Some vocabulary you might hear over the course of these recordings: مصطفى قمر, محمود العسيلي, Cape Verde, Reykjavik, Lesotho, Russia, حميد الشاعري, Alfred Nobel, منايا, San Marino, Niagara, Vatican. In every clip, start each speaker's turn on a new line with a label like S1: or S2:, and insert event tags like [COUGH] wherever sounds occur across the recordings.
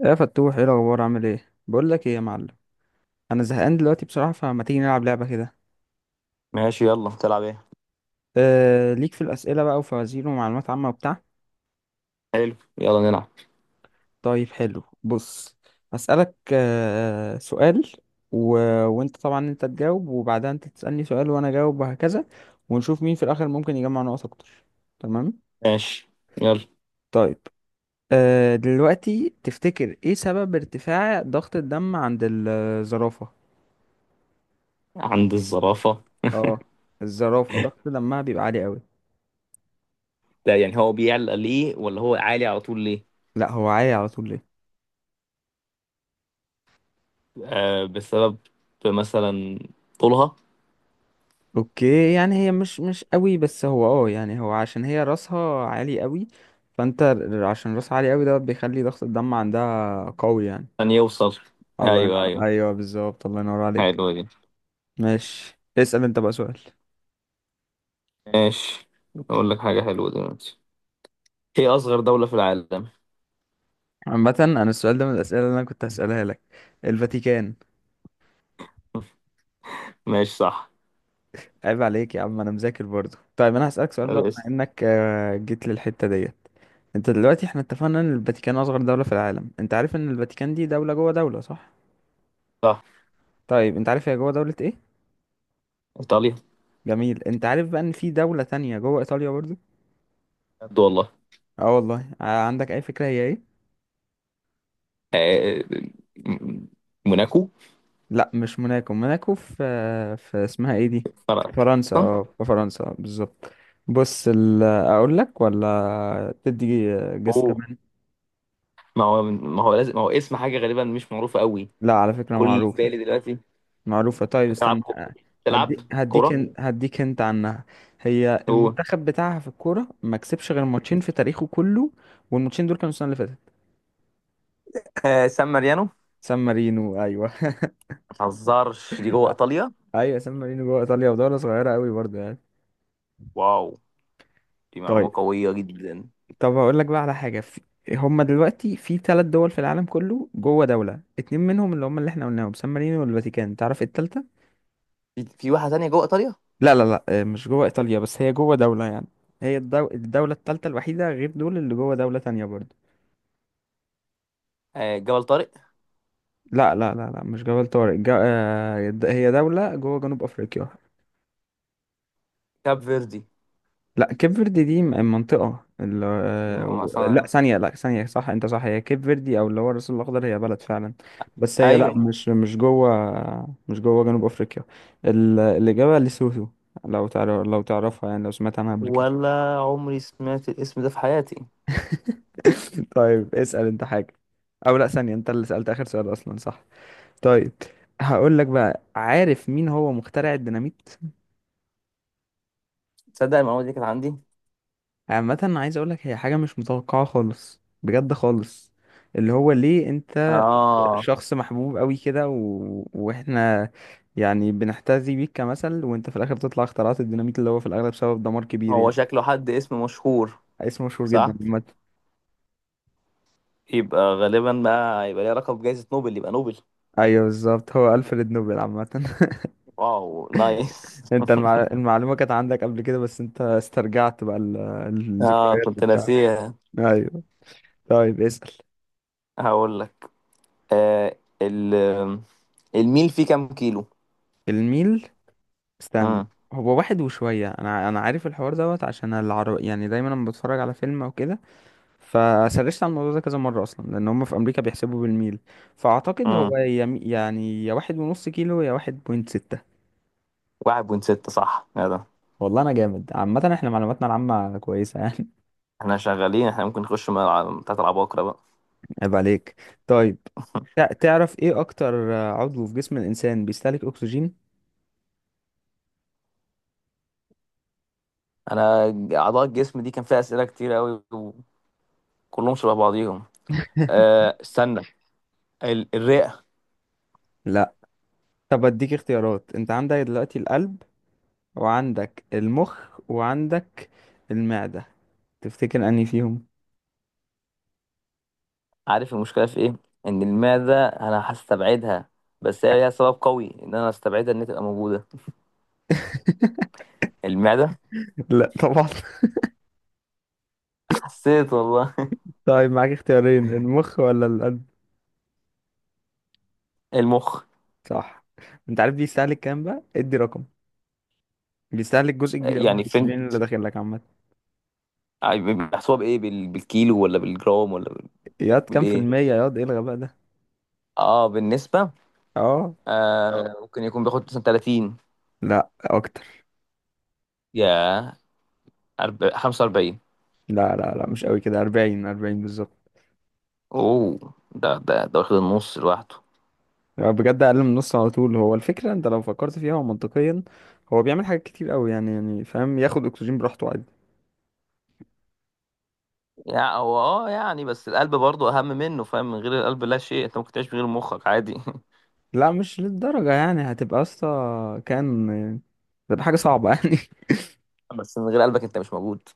S1: يا فتوح، ايه الاخبار؟ عامل ايه؟ بقول لك ايه يا معلم؟ انا زهقان دلوقتي بصراحه، فما تيجي نلعب لعبه كده؟
S2: ماشي، يلا تلعب ايه.
S1: ليك في الاسئله بقى وفوازير ومعلومات عامه وبتاع.
S2: حلو، يلا نلعب.
S1: طيب، حلو، بص. هسالك سؤال و... وانت طبعا، انت تجاوب وبعدها انت تسالني سؤال وانا اجاوب، وهكذا. ونشوف مين في الاخر ممكن يجمع نقط اكتر. تمام،
S2: ماشي، يلا.
S1: طيب. دلوقتي تفتكر ايه سبب ارتفاع ضغط الدم عند الزرافه؟
S2: عند الزرافة؟
S1: اه، الزرافه ضغط دمها بيبقى عالي قوي.
S2: ده يعني هو بيعلى ليه، ولا هو عالي على طول ليه؟
S1: لا هو عالي على طول ليه.
S2: آه، بسبب مثلا طولها.
S1: اوكي يعني هي مش قوي، بس هو اه يعني هو عشان هي راسها عالي قوي. عشان راسها عالي قوي ده بيخلي ضغط الدم عندها قوي يعني.
S2: أن يوصل.
S1: الله
S2: أيوه
S1: ينور،
S2: أيوه،
S1: ايوه بالظبط، الله ينور عليك.
S2: حلوة دي.
S1: ماشي، اسأل انت بقى سؤال.
S2: ماشي. أقول لك حاجة حلوة دلوقتي. هي أصغر دولة في العالم.
S1: عامة انا السؤال ده من الاسئلة اللي انا كنت هسألها لك. الفاتيكان.
S2: ماشي صح.
S1: عيب عليك يا عم، انا مذاكر برضه. طيب انا هسألك سؤال بقى بما
S2: الاسم.
S1: انك جيت للحتة ديت. انت دلوقتي احنا اتفقنا ان الفاتيكان اصغر دولة في العالم. انت عارف ان الفاتيكان دي دولة جوه دولة، صح؟
S2: صح.
S1: طيب انت عارف هي جوه دولة ايه؟
S2: إيطاليا.
S1: جميل. انت عارف بقى ان في دولة تانية جوه ايطاليا برضو؟
S2: بجد والله؟
S1: اه والله. عندك اي فكرة هي ايه؟
S2: آه. م- موناكو.
S1: لا مش موناكو، موناكو في، في اسمها ايه دي، في
S2: فرقك.
S1: فرنسا،
S2: صح؟
S1: اه في فرنسا اه، بالظبط. بص اقول لك ولا تدي جس
S2: أوه.
S1: كمان؟
S2: ما هو لازم ما هو اسم حاجة غالبا مش معروفة قوي.
S1: لا على فكرة
S2: كل اللي في
S1: معروفة،
S2: بالي دلوقتي.
S1: معروفة. طيب
S2: بتلعب
S1: استنى،
S2: كو... بتلعب كورة.
S1: هديك انت عنها. هي
S2: قول.
S1: المنتخب بتاعها في الكورة ما كسبش غير ماتشين في تاريخه كله، والماتشين دول كانوا السنة اللي فاتت.
S2: سان ماريانو. ما
S1: سان مارينو ايوه [LAUGHS]
S2: تهزرش، دي جوه إيطاليا.
S1: ايوه سان مارينو جوه ايطاليا، ودوله صغيره قوي برضه يعني.
S2: واو، دي
S1: طيب،
S2: معلومة قوية جدا.
S1: طب هقول لك بقى على حاجة هما دلوقتي في ثلاث دول في العالم كله جوه دولة. اتنين منهم اللي هما اللي احنا قلناهم سان مارينو والفاتيكان، تعرف إيه التالتة؟
S2: في واحدة تانية جوه إيطاليا.
S1: لا لا لا مش جوه إيطاليا بس هي جوه دولة يعني. هي الدولة التالتة الوحيدة غير دول اللي جوه دولة تانية برضه.
S2: جبل طارق.
S1: لا لا لا لا، مش جبل طارق، هي دولة جوه جنوب أفريقيا.
S2: كاب فيردي
S1: لا كيب فيردي دي منطقة
S2: دي
S1: لا
S2: مثلا.
S1: ثانية، لا ثانية صح، انت صح، هي كيب فيردي او اللي هو الرأس الأخضر، هي بلد فعلا، بس هي لا ايوه
S2: أيوة.
S1: مش مش جوه، مش جوه جنوب افريقيا. الإجابة لسوتو. لو تعرف، لو تعرفها يعني، لو سمعت عنها قبل كده.
S2: ولا عمري سمعت الاسم ده في حياتي.
S1: [LAUGHS] طيب اسأل انت حاجة. او لا ثانية، انت اللي سألت آخر سؤال اصلا صح. طيب هقول لك بقى، عارف مين هو مخترع الديناميت؟
S2: تصدق المعلومة دي كانت عندي.
S1: عامة عايز اقول لك هي حاجة مش متوقعة خالص، بجد خالص. اللي هو ليه انت
S2: آه
S1: شخص محبوب قوي كده واحنا يعني بنحتذي بيك كمثل، وانت في الاخر تطلع اخترعت الديناميت اللي هو في الاغلب سبب دمار كبير
S2: هو
S1: يعني.
S2: شكله حد اسم مشهور.
S1: اسم مشهور جدا
S2: صح.
S1: عامة.
S2: يبقى غالبا بقى، يبقى ليه علاقة بجائزة نوبل. يبقى نوبل.
S1: ايوه بالظبط، هو ألفريد نوبل عامة.
S2: واو نايس.
S1: [LAUGHS] انت المعلومة كانت عندك قبل كده، بس انت استرجعت بقى
S2: [LAUGHS] آه،
S1: الذكريات
S2: كنت
S1: وبتاع.
S2: ناسيها.
S1: ايوه. طيب اسأل.
S2: هقول لك. آه ال الميل فيه كام كيلو؟
S1: الميل. استنى،
S2: امم
S1: هو واحد وشوية، انا عارف الحوار دوت. عشان العرب يعني دايما لما بتفرج على فيلم او كده فسرشت على الموضوع ده كذا مرة أصلا، لأن هم في أمريكا بيحسبوا بالميل. فأعتقد
S2: امم
S1: هو يعني يا واحد ونص كيلو يا واحد بوينت ستة.
S2: واحد بوينت ستة، صح يا ده.
S1: والله أنا جامد، عامة احنا معلوماتنا العامة كويسة يعني.
S2: احنا شغالين، احنا ممكن نخش من بتاعت العباقرة بقى.
S1: [LAUGHS] عيب عليك. طيب، تعرف إيه أكتر عضو في جسم الإنسان بيستهلك أكسجين؟
S2: انا. اعضاء الجسم دي كان فيها اسئلة كتير قوي، وكلهم شبه بعضيهم.
S1: [LAUGHS]
S2: استنى. الرئة.
S1: لا. طب أديك اختيارات، أنت عندك دلوقتي القلب وعندك المخ وعندك المعدة، تفتكر أنهي فيهم؟
S2: عارف المشكلة في ايه؟ ان المعدة انا هستبعدها، بس هي ليها سبب قوي ان انا استبعدها ان هي تبقى موجودة. المعدة.
S1: [LAUGHS] لا طبعا.
S2: حسيت والله.
S1: طيب معاك اختيارين، المخ ولا القلب؟
S2: [LAUGHS] المخ.
S1: صح. انت عارف بيستهلك كام بقى؟ ادي رقم. بيستهلك جزء كبير قوي من
S2: يعني فين؟
S1: الاكسجين اللي داخل لك عامه.
S2: بيحسبوها بايه؟ بالكيلو ولا بالجرام ولا
S1: ياض كام في
S2: بالايه؟
S1: المية، ياض الغى بقى ده.
S2: اه، بالنسبة.
S1: اه.
S2: ممكن يكون بياخد مثلا 30
S1: لا اكتر.
S2: يا 45.
S1: لا لا لا، مش قوي كده، 40، 40 بالظبط.
S2: اوه، ده واخد النص لوحده.
S1: يعني بجد اقل من نص على طول. هو الفكره انت لو فكرت فيها ومنطقيا، هو بيعمل حاجات كتير قوي يعني، يعني فاهم، ياخد اكسجين براحته عادي.
S2: يعني هو يعني بس القلب برضه اهم منه، فاهم؟ من غير القلب لا شيء. انت ممكن تعيش من غير مخك عادي.
S1: لا مش للدرجه، يعني هتبقى يا اسطى، كان، هتبقى حاجه صعبه يعني [LAUGHS]
S2: [LAUGHS] بس من غير قلبك انت مش موجود.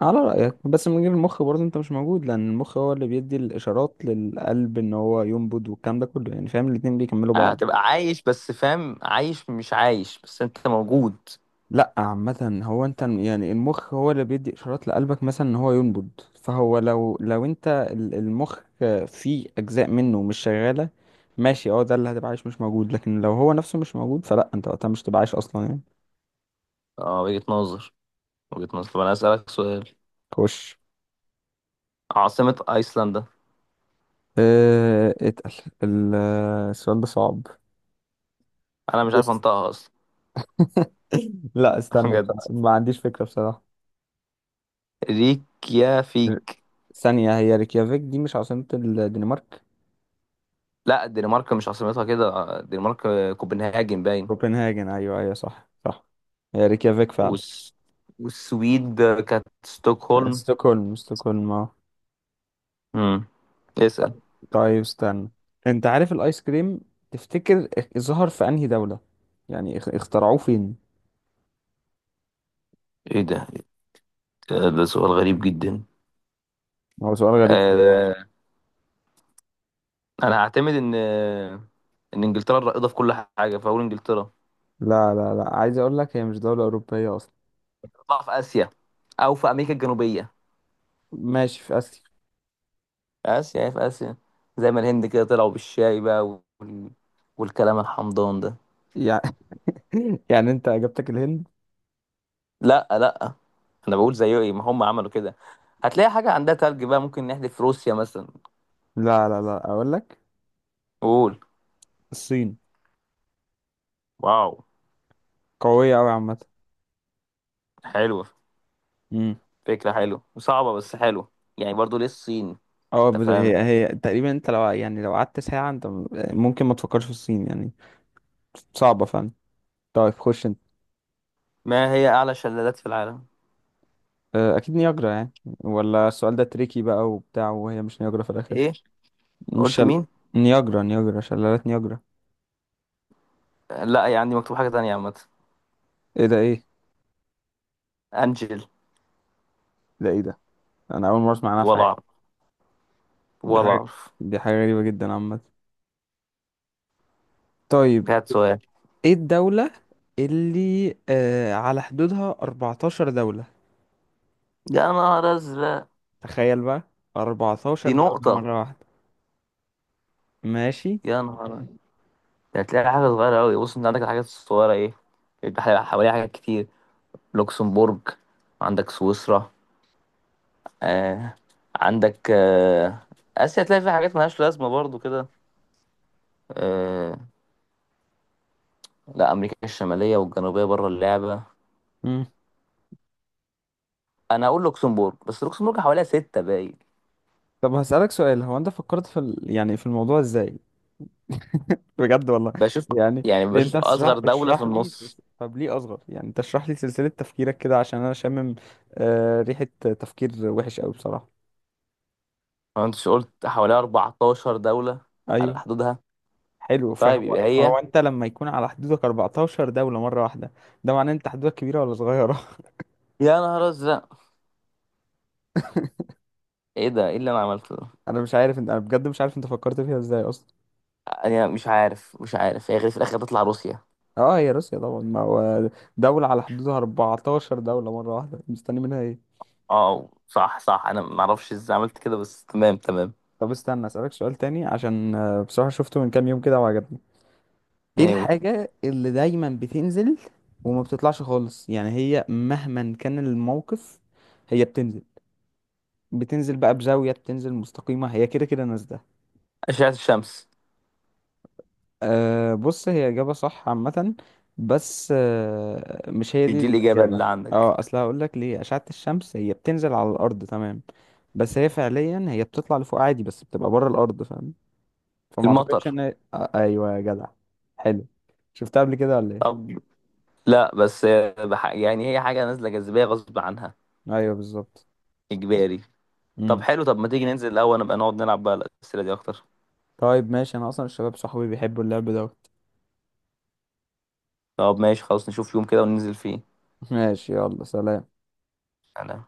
S1: على رأيك بس من غير المخ برضه انت مش موجود، لأن المخ هو اللي بيدي الإشارات للقلب ان هو ينبض والكلام ده كله يعني، فاهم الاتنين بيكملوا بعض.
S2: هتبقى عايش بس، فاهم؟ عايش مش عايش، بس انت موجود.
S1: لا عامة هو انت يعني المخ هو اللي بيدي إشارات لقلبك مثلا ان هو ينبض، فهو لو المخ فيه أجزاء منه مش شغالة، ماشي اه ده اللي هتبقى عايش مش موجود. لكن لو هو نفسه مش موجود فلا، انت وقتها مش تبقى عايش أصلا يعني.
S2: اه، وجهة نظر، وجهة نظر. طب انا اسألك سؤال.
S1: خش.
S2: عاصمة ايسلندا.
S1: اه اتقل. ال- السؤال ده صعب.
S2: انا مش عارف
S1: بص.
S2: انطقها اصلا.
S1: [LAUGHS] لا
S2: [LAUGHS]
S1: استنى
S2: بجد.
S1: بصراحة، ما عنديش فكرة بصراحة.
S2: ريكيافيك.
S1: ثانية، هي ريكيافيك دي مش عاصمة الدنمارك؟
S2: لا الدنمارك مش عاصمتها كده، الدنمارك كوبنهاجن باين.
S1: كوبنهاجن، أيوة أيوة صح صح، هي ريكيافيك فعلا.
S2: والس... والسويد كانت ستوكهولم.
S1: ستوكهولم، ستوكهولم اه.
S2: امم. اسأل.
S1: طيب استنى، أنت عارف الآيس كريم، تفتكر ظهر في أنهي دولة؟ يعني اخترعوه فين؟
S2: ايه ده؟ إيه ده سؤال غريب جدا.
S1: هو سؤال غريب.
S2: آه... انا هعتمد ان ان انجلترا الرائده في كل حاجه، فاقول انجلترا.
S1: لا لا لا، عايز أقول لك هي مش دولة أوروبية أصلا.
S2: تطلع في اسيا، او في امريكا الجنوبيه.
S1: ماشي في آسيا
S2: اسيا. هي في اسيا. زي ما الهند كده طلعوا بالشاي بقى وال... والكلام الحمضان ده.
S1: يعني. [LAUGHS] يعني أنت إجابتك الهند؟
S2: لا لا، انا بقول زي ايه ما هم عملوا كده. هتلاقي حاجه عندها تلج بقى، ممكن نحذف روسيا مثلا.
S1: لا لا لا، أقول لك
S2: قول.
S1: الصين.
S2: واو.
S1: قوية أوي عامة.
S2: حلوة. فكرة حلوة وصعبة، بس حلوة. يعني برضو ليه الصين؟
S1: اه
S2: انت فاهم.
S1: هي هي تقريبا انت لو يعني، لو قعدت ساعة انت ممكن ما تفكرش في الصين يعني. صعبة فعلا. طيب خش انت.
S2: ما هي أعلى شلالات في العالم؟
S1: اكيد نياجرا يعني، ولا السؤال ده تريكي بقى وبتاع وهي مش نياجرا في الاخر؟
S2: ايه،
S1: مش
S2: قلت
S1: شل...
S2: مين؟
S1: نياجرا، نياجرا، شلالات نياجرا.
S2: لا هي عندي مكتوب حاجة تانية عامة.
S1: ايه ده؟ ايه
S2: أنجل.
S1: ده؟ ايه ده؟ انا اول مرة اسمع عنها في
S2: ولا
S1: حياتي.
S2: أعرف،
S1: دي
S2: ولا
S1: حاجة،
S2: أعرف.
S1: دي حاجة غريبة جدا عامة. طيب،
S2: هات سؤال.
S1: ايه الدولة اللي على حدودها 14 دولة؟
S2: يا نهار أزرق.
S1: تخيل بقى،
S2: دي
S1: 14 دولة
S2: نقطة.
S1: مرة واحدة. ماشي.
S2: يا نهار أبيض. ده هتلاقي حاجة صغيرة أوي. بص، أنت عندك الحاجات الصغيرة ايه، يبقى حواليها حاجات كتير. لوكسمبورج. عندك سويسرا. آه. عندك آه. آسيا تلاقي فيها حاجات ملهاش لازمة برضو كده. آه، لا امريكا الشماليه والجنوبيه بره اللعبه. انا اقول لوكسمبورج، بس لوكسمبورج حواليها سته باين.
S1: طب هسألك سؤال، هو انت فكرت يعني في الموضوع ازاي؟ بجد والله.
S2: بشوف.
S1: يعني
S2: يعني بشوف
S1: انت اشرح،
S2: اصغر دوله في النص.
S1: طب ليه اصغر يعني، انت اشرح لي سلسلة تفكيرك كده، عشان انا شامم ريحة تفكير وحش قوي بصراحة.
S2: ما انتش قلت حواليها 14 دوله على
S1: ايوه.
S2: حدودها؟
S1: حلو،
S2: طيب يبقى
S1: فهو
S2: هي.
S1: فهو انت لما يكون على حدودك 14 دولة مرة واحدة، ده معناه ان انت حدودك كبيرة ولا صغيرة؟
S2: يا نهار ازرق. ايه ده؟ ايه اللي انا عملته ده؟
S1: [LAUGHS] انا مش عارف انت، انا بجد مش عارف انت فكرت فيها ازاي اصلا.
S2: انا مش عارف، مش عارف. هي غير في الاخر تطلع روسيا.
S1: اه هي روسيا طبعا، ما هو دولة على حدودها 14 دولة مرة واحدة، مستني منها.
S2: اه صح صح، انا ما اعرفش ازاي عملت كده، بس تمام تمام.
S1: طب استنى اسألك سؤال تاني عشان بصراحة شفته من كام يوم كده وعجبني. ايه
S2: ايوه،
S1: الحاجة اللي دايما بتنزل وما بتطلعش خالص؟ يعني هي مهما كان الموقف هي بتنزل، بتنزل بقى بزاوية، بتنزل مستقيمة، هي كده كده نازلة.
S2: اشعه الشمس.
S1: أه بص هي إجابة صح عامة، بس أه مش هي
S2: مش
S1: دي
S2: دي الاجابه
S1: الإجابة.
S2: اللي عندك.
S1: اه اصل هقول لك ليه، أشعة الشمس هي بتنزل على الأرض تمام، بس هي فعليا هي بتطلع لفوق عادي بس بتبقى بره الأرض، فاهم؟ فما اعتقدش
S2: المطر.
S1: ان ايوه يا جدع. حلو، شفتها قبل كده ولا ايه؟
S2: طب لا بس. يعني هي حاجه نازله، جاذبيه غصب عنها.
S1: ايوه بالظبط.
S2: اجباري. طب
S1: امم
S2: حلو، طب ما تيجي ننزل الاول، نبقى نقعد نلعب بقى الاسئله دي اكتر.
S1: طيب ماشي، انا اصلا الشباب صحابي بيحبوا اللعب دوت.
S2: طب ماشي خلاص، نشوف يوم كده وننزل فيه.
S1: ماشي يلا، سلام.
S2: انا